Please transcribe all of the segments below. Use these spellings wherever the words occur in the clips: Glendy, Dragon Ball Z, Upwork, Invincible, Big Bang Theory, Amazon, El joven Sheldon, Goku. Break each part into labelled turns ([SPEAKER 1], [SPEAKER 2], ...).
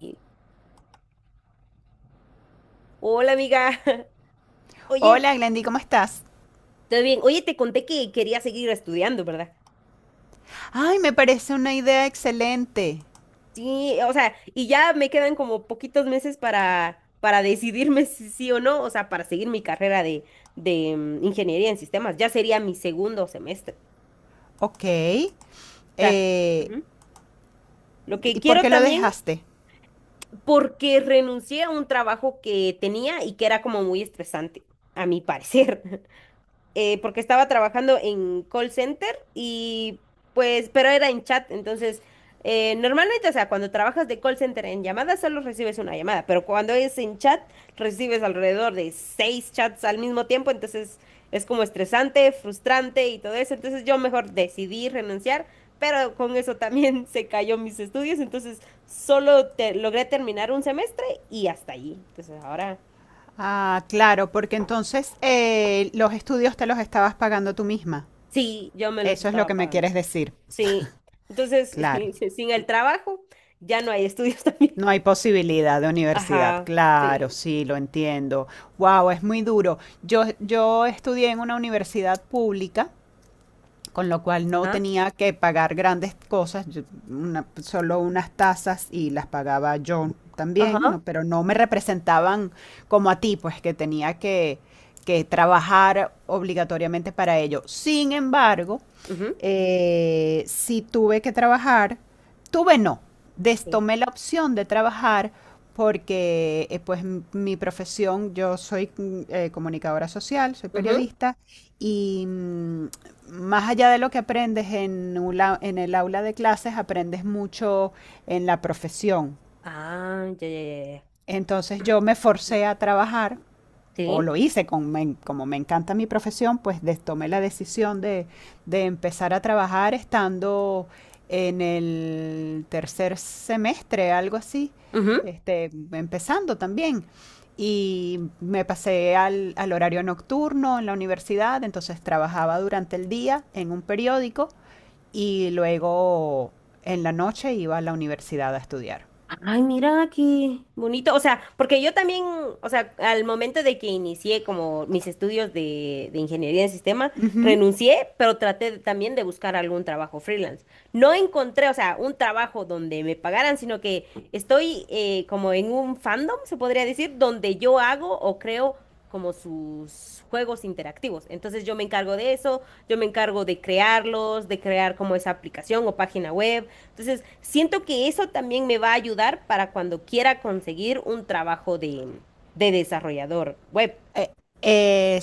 [SPEAKER 1] Y, Hola, amiga. Oye,
[SPEAKER 2] Hola, Glendy, ¿cómo estás?
[SPEAKER 1] ¿todo bien? Oye, te conté que quería seguir estudiando, ¿verdad?
[SPEAKER 2] Ay, me parece una idea excelente.
[SPEAKER 1] Sí, o sea, y ya me quedan como poquitos meses para, decidirme si sí o no, o sea, para seguir mi carrera de ingeniería en sistemas. Ya sería mi segundo semestre.
[SPEAKER 2] Ok.
[SPEAKER 1] O sea,
[SPEAKER 2] eh,
[SPEAKER 1] ujú. Lo que
[SPEAKER 2] ¿Y por
[SPEAKER 1] quiero
[SPEAKER 2] qué lo
[SPEAKER 1] también,
[SPEAKER 2] dejaste?
[SPEAKER 1] porque renuncié a un trabajo que tenía y que era como muy estresante, a mi parecer. Porque estaba trabajando en call center y pues, pero era en chat, entonces, normalmente, o sea, cuando trabajas de call center en llamadas solo recibes una llamada, pero cuando es en chat recibes alrededor de seis chats al mismo tiempo, entonces es como estresante, frustrante y todo eso, entonces yo mejor decidí renunciar. Pero con eso también se cayó mis estudios, entonces solo logré terminar un semestre y hasta allí. Entonces ahora
[SPEAKER 2] Ah, claro, porque entonces los estudios te los estabas pagando tú misma.
[SPEAKER 1] sí, yo me los
[SPEAKER 2] Eso es lo
[SPEAKER 1] estaba
[SPEAKER 2] que me
[SPEAKER 1] pagando.
[SPEAKER 2] quieres decir.
[SPEAKER 1] Sí, entonces,
[SPEAKER 2] Claro.
[SPEAKER 1] sin el trabajo, ya no hay estudios también.
[SPEAKER 2] No hay posibilidad de universidad.
[SPEAKER 1] Ajá,
[SPEAKER 2] Claro,
[SPEAKER 1] sí.
[SPEAKER 2] sí, lo entiendo. Wow, es muy duro. Yo estudié en una universidad pública con lo cual no
[SPEAKER 1] Ajá,
[SPEAKER 2] tenía que pagar grandes cosas, una- solo unas tasas y las pagaba yo también,
[SPEAKER 1] ajá,
[SPEAKER 2] ¿no? Pero no me representaban como a ti, pues que que trabajar obligatoriamente para ello. Sin embargo,
[SPEAKER 1] ujú,
[SPEAKER 2] sí tuve que trabajar, tuve no,
[SPEAKER 1] sí.
[SPEAKER 2] destomé la opción de trabajar porque pues m- mi profesión, yo soy comunicadora social, soy
[SPEAKER 1] Ujú.
[SPEAKER 2] periodista y más allá de lo que aprendes un en el aula de clases, aprendes mucho en la profesión.
[SPEAKER 1] Ah, ya, ya, ya. Ya.
[SPEAKER 2] Entonces yo me forcé a trabajar, o
[SPEAKER 1] Sí.
[SPEAKER 2] lo hice, con, me como me encanta mi profesión, pues des- tomé de empezar a trabajar estando en el tercer semestre, algo así,
[SPEAKER 1] Ujú.
[SPEAKER 2] este, empezando también. Y me pasé al horario nocturno en la universidad, entonces trabajaba durante el día en un periódico y luego en la noche iba a la universidad a estudiar.
[SPEAKER 1] Ay, mira qué bonito. O sea, porque yo también, o sea, al momento de que inicié como mis estudios de ingeniería en sistema,
[SPEAKER 2] Ujú.
[SPEAKER 1] renuncié, pero traté también de buscar algún trabajo freelance. No encontré, o sea, un trabajo donde me pagaran, sino que estoy como en un fandom, se podría decir, donde yo hago o creo como sus juegos interactivos. Entonces yo me encargo de eso, yo me encargo de crearlos, de crear como esa aplicación o página web. Entonces, siento que eso también me va a ayudar para cuando quiera conseguir un trabajo de desarrollador web
[SPEAKER 2] Eh,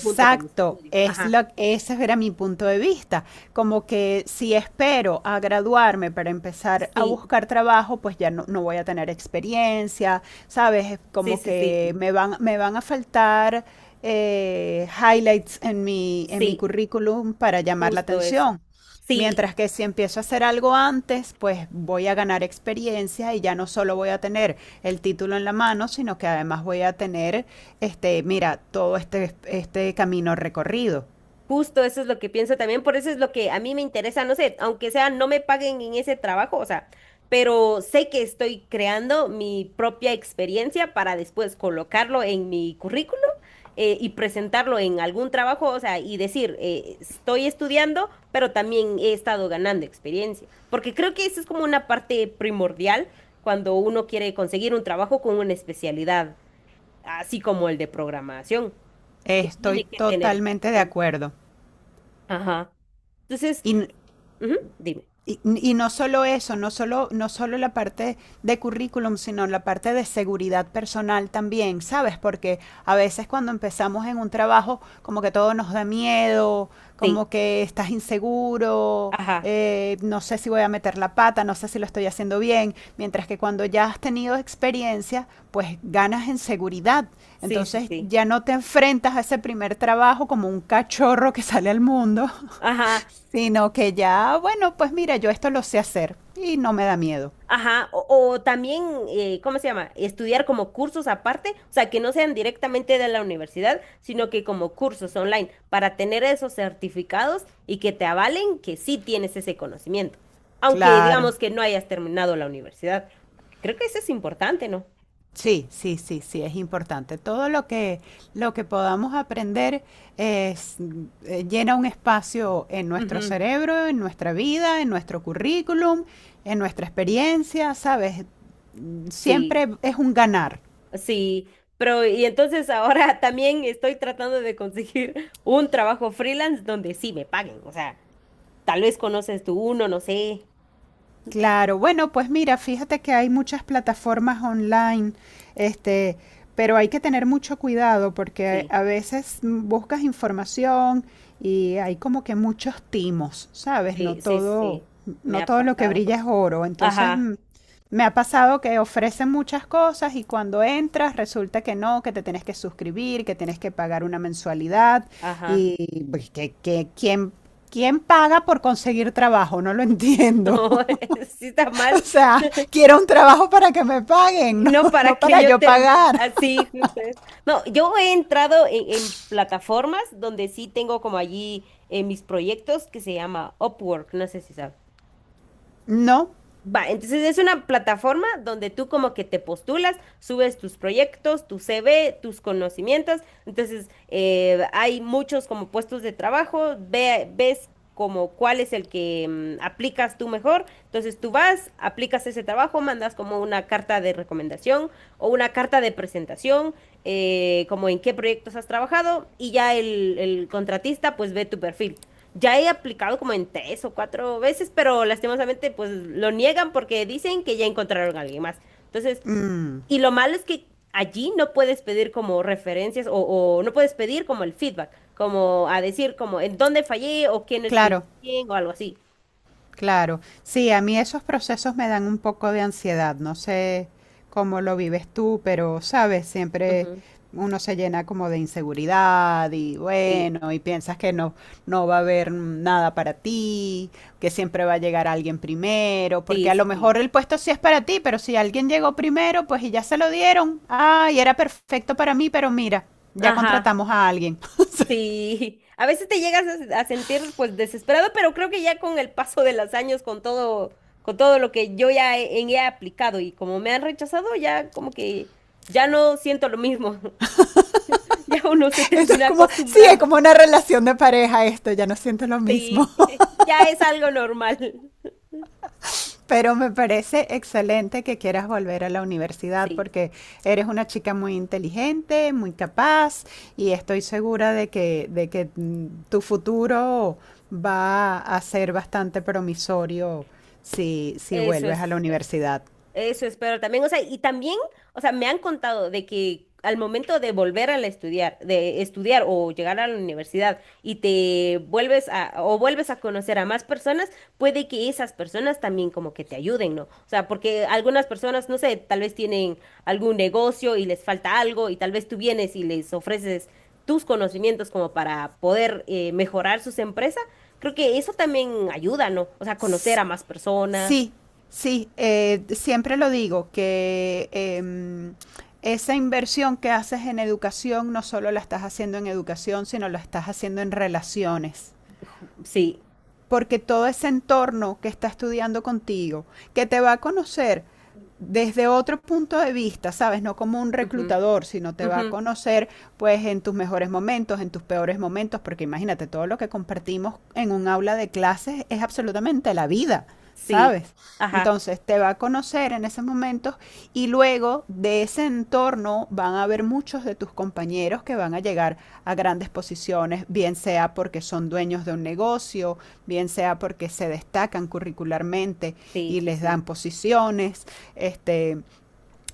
[SPEAKER 1] junto con mis estudios. Ajá.
[SPEAKER 2] ese era mi punto de vista. Como que si espero a graduarme para empezar a
[SPEAKER 1] Sí,
[SPEAKER 2] buscar trabajo, pues no voy a tener experiencia, ¿sabes? Es
[SPEAKER 1] sí,
[SPEAKER 2] como
[SPEAKER 1] sí,
[SPEAKER 2] que
[SPEAKER 1] sí.
[SPEAKER 2] me van a faltar highlights en en mi
[SPEAKER 1] Sí,
[SPEAKER 2] currículum para llamar la
[SPEAKER 1] justo eso.
[SPEAKER 2] atención.
[SPEAKER 1] Sí,
[SPEAKER 2] Mientras que si empiezo a hacer algo antes, pues voy a ganar experiencia y ya no solo voy a tener el título en la mano, sino que además voy a tener, mira, todo este camino recorrido.
[SPEAKER 1] justo eso es lo que pienso también, por eso es lo que a mí me interesa, no sé, aunque sea no me paguen en ese trabajo, o sea, pero sé que estoy creando mi propia experiencia para después colocarlo en mi currículum y presentarlo en algún trabajo, o sea, y decir, estoy estudiando, pero también he estado ganando experiencia, porque creo que eso es como una parte primordial cuando uno quiere conseguir un trabajo con una especialidad, así como el de programación, que
[SPEAKER 2] Estoy
[SPEAKER 1] tiene que tener experiencia.
[SPEAKER 2] totalmente de acuerdo.
[SPEAKER 1] Ajá. Entonces,
[SPEAKER 2] Y
[SPEAKER 1] ujú, dime.
[SPEAKER 2] y no solo eso, no solo la parte de currículum, sino la parte de seguridad personal también, ¿sabes? Porque a veces cuando empezamos en un trabajo, como que todo nos da miedo,
[SPEAKER 1] Sí,
[SPEAKER 2] como que estás inseguro,
[SPEAKER 1] ajá,
[SPEAKER 2] no sé si voy a meter la pata, no sé si lo estoy haciendo bien, mientras que cuando ya has tenido experiencia, pues ganas en seguridad.
[SPEAKER 1] sí, sí,
[SPEAKER 2] Entonces
[SPEAKER 1] sí.
[SPEAKER 2] ya no te enfrentas a ese primer trabajo como un cachorro que sale al mundo,
[SPEAKER 1] Ajá,
[SPEAKER 2] sino que ya, bueno, pues mira, yo esto lo sé hacer y no me da miedo.
[SPEAKER 1] ajá. O también, ¿cómo se llama? Estudiar como cursos aparte, o sea, que no sean directamente de la universidad, sino que como cursos online, para tener esos certificados y que te avalen que sí tienes ese conocimiento. Aunque
[SPEAKER 2] Claro.
[SPEAKER 1] digamos que no hayas terminado la universidad. Creo que eso es importante, ¿no?
[SPEAKER 2] Sí, sí, sí, sí, es importante. Todo lo que podamos aprender es, llena un espacio en nuestro
[SPEAKER 1] Ujú,
[SPEAKER 2] cerebro, en nuestra vida, en nuestro currículum, en nuestra experiencia, ¿sabes?
[SPEAKER 1] sí.
[SPEAKER 2] Siempre es un ganar.
[SPEAKER 1] Sí, pero y entonces ahora también estoy tratando de conseguir un trabajo freelance donde sí me paguen. O sea, tal vez conoces tú uno, no sé.
[SPEAKER 2] Claro, bueno, pues mira, fíjate que hay muchas plataformas online, este, pero hay que tener mucho cuidado porque
[SPEAKER 1] Sí,
[SPEAKER 2] a veces buscas información y hay como que muchos timos, ¿sabes?
[SPEAKER 1] sí, sí, sí. Me
[SPEAKER 2] No
[SPEAKER 1] ha
[SPEAKER 2] todo lo que
[SPEAKER 1] pasado.
[SPEAKER 2] brilla es oro. Entonces,
[SPEAKER 1] Ajá,
[SPEAKER 2] me ha pasado que ofrecen muchas cosas y cuando entras resulta que no, que te tienes que suscribir, que tienes que pagar una mensualidad
[SPEAKER 1] ajá.
[SPEAKER 2] y pues, que ¿quién, quién paga por conseguir trabajo? No lo
[SPEAKER 1] No,
[SPEAKER 2] entiendo.
[SPEAKER 1] sí está
[SPEAKER 2] O
[SPEAKER 1] mal.
[SPEAKER 2] sea, quiero un trabajo para que me
[SPEAKER 1] Y
[SPEAKER 2] paguen, no,
[SPEAKER 1] no
[SPEAKER 2] no
[SPEAKER 1] para que
[SPEAKER 2] para
[SPEAKER 1] yo
[SPEAKER 2] yo
[SPEAKER 1] termine
[SPEAKER 2] pagar.
[SPEAKER 1] así, justo es. No, yo he entrado en plataformas donde sí tengo como allí mis proyectos que se llama Upwork. No sé si sabes.
[SPEAKER 2] No.
[SPEAKER 1] Va, entonces es una plataforma donde tú como que te postulas, subes tus proyectos, tu CV, tus conocimientos. Entonces, hay muchos como puestos de trabajo, ves como cuál es el que aplicas tú mejor. Entonces, tú vas, aplicas ese trabajo, mandas como una carta de recomendación o una carta de presentación, como en qué proyectos has trabajado y ya el contratista pues ve tu perfil. Ya he aplicado como en tres o cuatro veces, pero lastimosamente pues lo niegan porque dicen que ya encontraron a alguien más. Entonces,
[SPEAKER 2] Mm,
[SPEAKER 1] y lo malo es que allí no puedes pedir como referencias o no puedes pedir como el feedback, como a decir como en dónde fallé o quién lo escribió
[SPEAKER 2] claro.
[SPEAKER 1] bien o algo así.
[SPEAKER 2] Claro, sí, a mí esos procesos me dan un poco de ansiedad, no sé cómo lo vives tú, pero sabes, siempre
[SPEAKER 1] Ujú.
[SPEAKER 2] uno se llena como de inseguridad y
[SPEAKER 1] Sí,
[SPEAKER 2] bueno, y piensas que no, no va a haber nada para ti, que siempre va a llegar alguien primero,
[SPEAKER 1] sí,
[SPEAKER 2] porque a lo
[SPEAKER 1] sí, sí.
[SPEAKER 2] mejor el puesto sí es para ti, pero si alguien llegó primero, pues y ya se lo dieron, ay, era perfecto para mí, pero mira, ya
[SPEAKER 1] Ajá,
[SPEAKER 2] contratamos a alguien.
[SPEAKER 1] sí. A veces te llegas a, a sentir pues desesperado, pero creo que ya con el paso de los años, con todo lo que yo ya he aplicado y como me han rechazado, ya como que ya no siento lo mismo. Ya uno se
[SPEAKER 2] Esto es
[SPEAKER 1] termina
[SPEAKER 2] como, sí, es
[SPEAKER 1] acostumbrando.
[SPEAKER 2] como una relación de pareja esto, ya no siento lo
[SPEAKER 1] Sí,
[SPEAKER 2] mismo.
[SPEAKER 1] ya es algo normal.
[SPEAKER 2] Pero me parece excelente que quieras volver a la universidad
[SPEAKER 1] Sí,
[SPEAKER 2] porque eres una chica muy inteligente, muy capaz y estoy segura de que tu futuro va a ser bastante promisorio si
[SPEAKER 1] eso
[SPEAKER 2] vuelves
[SPEAKER 1] es,
[SPEAKER 2] a la universidad.
[SPEAKER 1] eso es, pero también, o sea, y también, o sea, me han contado de que al momento de volver a la estudiar, de estudiar o llegar a la universidad y te vuelves a, o vuelves a conocer a más personas, puede que esas personas también como que te ayuden, ¿no? O sea, porque algunas personas, no sé, tal vez tienen algún negocio y les falta algo y tal vez tú vienes y les ofreces tus conocimientos como para poder mejorar sus empresas, creo que eso también ayuda, ¿no? O sea, conocer
[SPEAKER 2] S-
[SPEAKER 1] a más personas.
[SPEAKER 2] Sí, sí, siempre lo digo, que esa inversión que haces en educación no solo la estás haciendo en educación, sino la estás haciendo en relaciones
[SPEAKER 1] Sí.
[SPEAKER 2] porque todo ese entorno que está estudiando contigo, que te va a conocer desde otro punto de vista, ¿sabes? No como un
[SPEAKER 1] Ujú,
[SPEAKER 2] reclutador, sino te va
[SPEAKER 1] ujú,
[SPEAKER 2] a conocer pues en tus mejores momentos, en tus peores momentos, porque imagínate, todo lo que compartimos en un aula de clases es absolutamente la vida,
[SPEAKER 1] sí.
[SPEAKER 2] ¿sabes?
[SPEAKER 1] Ajá.
[SPEAKER 2] Entonces te va a conocer en esos momentos y luego de ese entorno van a haber muchos de tus compañeros que van a llegar a grandes posiciones, bien sea porque son dueños de un negocio, bien sea porque se destacan curricularmente
[SPEAKER 1] Sí,
[SPEAKER 2] y
[SPEAKER 1] sí,
[SPEAKER 2] les
[SPEAKER 1] sí.
[SPEAKER 2] dan posiciones, este,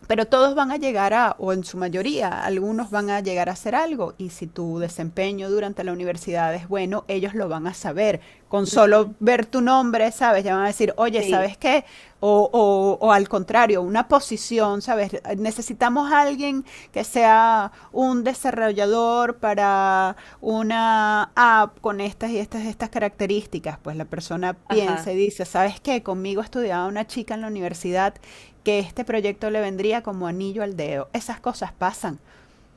[SPEAKER 2] pero todos van a llegar a, o en su mayoría, algunos van a llegar a hacer algo y si tu desempeño durante la universidad es bueno, ellos lo van a saber. Con solo ver tu nombre, ¿sabes? Ya van a decir, oye,
[SPEAKER 1] Sí.
[SPEAKER 2] ¿sabes qué? O al contrario, una posición, ¿sabes? Necesitamos a alguien que sea un desarrollador para una app con estas y estas características. Pues la persona
[SPEAKER 1] Ajá.
[SPEAKER 2] piensa y dice, ¿sabes qué? Conmigo estudiaba una chica en la universidad que este proyecto le vendría como anillo al dedo. Esas cosas pasan,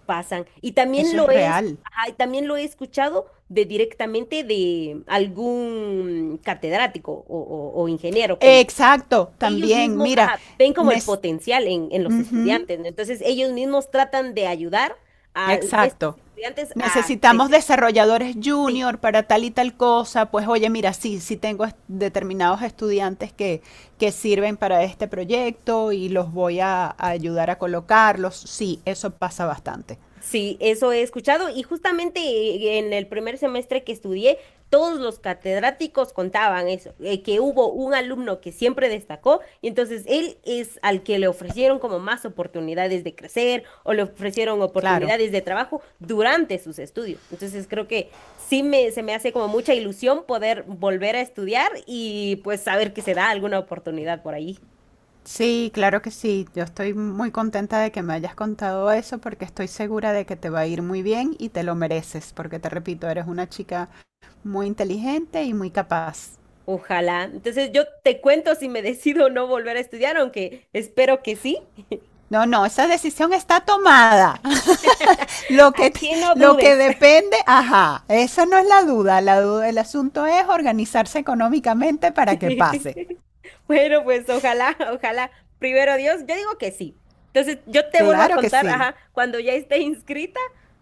[SPEAKER 1] Pasan. Y también
[SPEAKER 2] eso es
[SPEAKER 1] lo es,
[SPEAKER 2] real.
[SPEAKER 1] ajá, y también lo he escuchado de directamente de algún catedrático o ingeniero que
[SPEAKER 2] Exacto,
[SPEAKER 1] ellos
[SPEAKER 2] también,
[SPEAKER 1] mismos,
[SPEAKER 2] mira,
[SPEAKER 1] ajá, ven como el
[SPEAKER 2] nes-
[SPEAKER 1] potencial en los
[SPEAKER 2] ujú,
[SPEAKER 1] estudiantes, ¿no? Entonces ellos mismos tratan de ayudar a estos
[SPEAKER 2] exacto.
[SPEAKER 1] estudiantes a
[SPEAKER 2] Necesitamos
[SPEAKER 1] crecer.
[SPEAKER 2] desarrolladores
[SPEAKER 1] Sí.
[SPEAKER 2] junior para tal y tal cosa. Pues oye, mira, sí, sí tengo est- determinados estudiantes que sirven para este proyecto y los voy a ayudar a colocarlos. Sí, eso pasa bastante.
[SPEAKER 1] Sí, eso he escuchado y justamente en el primer semestre que estudié, todos los catedráticos contaban eso, que hubo un alumno que siempre destacó y entonces él es al que le ofrecieron como más oportunidades de crecer o le ofrecieron
[SPEAKER 2] Claro.
[SPEAKER 1] oportunidades de trabajo durante sus estudios. Entonces creo que sí se me hace como mucha ilusión poder volver a estudiar y pues saber que se da alguna oportunidad por ahí.
[SPEAKER 2] Sí, claro que sí. Yo estoy muy contenta de que me hayas contado eso porque estoy segura de que te va a ir muy bien y te lo mereces, porque te repito, eres una chica muy inteligente y muy capaz.
[SPEAKER 1] Ojalá. Entonces yo te cuento si me decido no volver a estudiar, aunque espero que sí.
[SPEAKER 2] No, no, esa decisión está tomada. Lo que, te-
[SPEAKER 1] Aquí no
[SPEAKER 2] lo que
[SPEAKER 1] dudes.
[SPEAKER 2] depende, ajá, esa no es la duda. La duda, el asunto es organizarse económicamente para que pase.
[SPEAKER 1] Bueno, pues ojalá, ojalá. Primero Dios, yo digo que sí. Entonces, yo te vuelvo a
[SPEAKER 2] Claro que
[SPEAKER 1] contar,
[SPEAKER 2] sí.
[SPEAKER 1] ajá, cuando ya esté inscrita,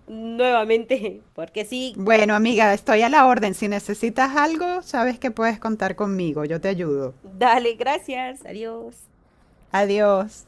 [SPEAKER 1] nuevamente, porque sí.
[SPEAKER 2] Bueno, amiga, estoy a la orden. Si necesitas algo, sabes que puedes contar conmigo. Yo te ayudo.
[SPEAKER 1] Dale, gracias. Adiós.
[SPEAKER 2] Adiós.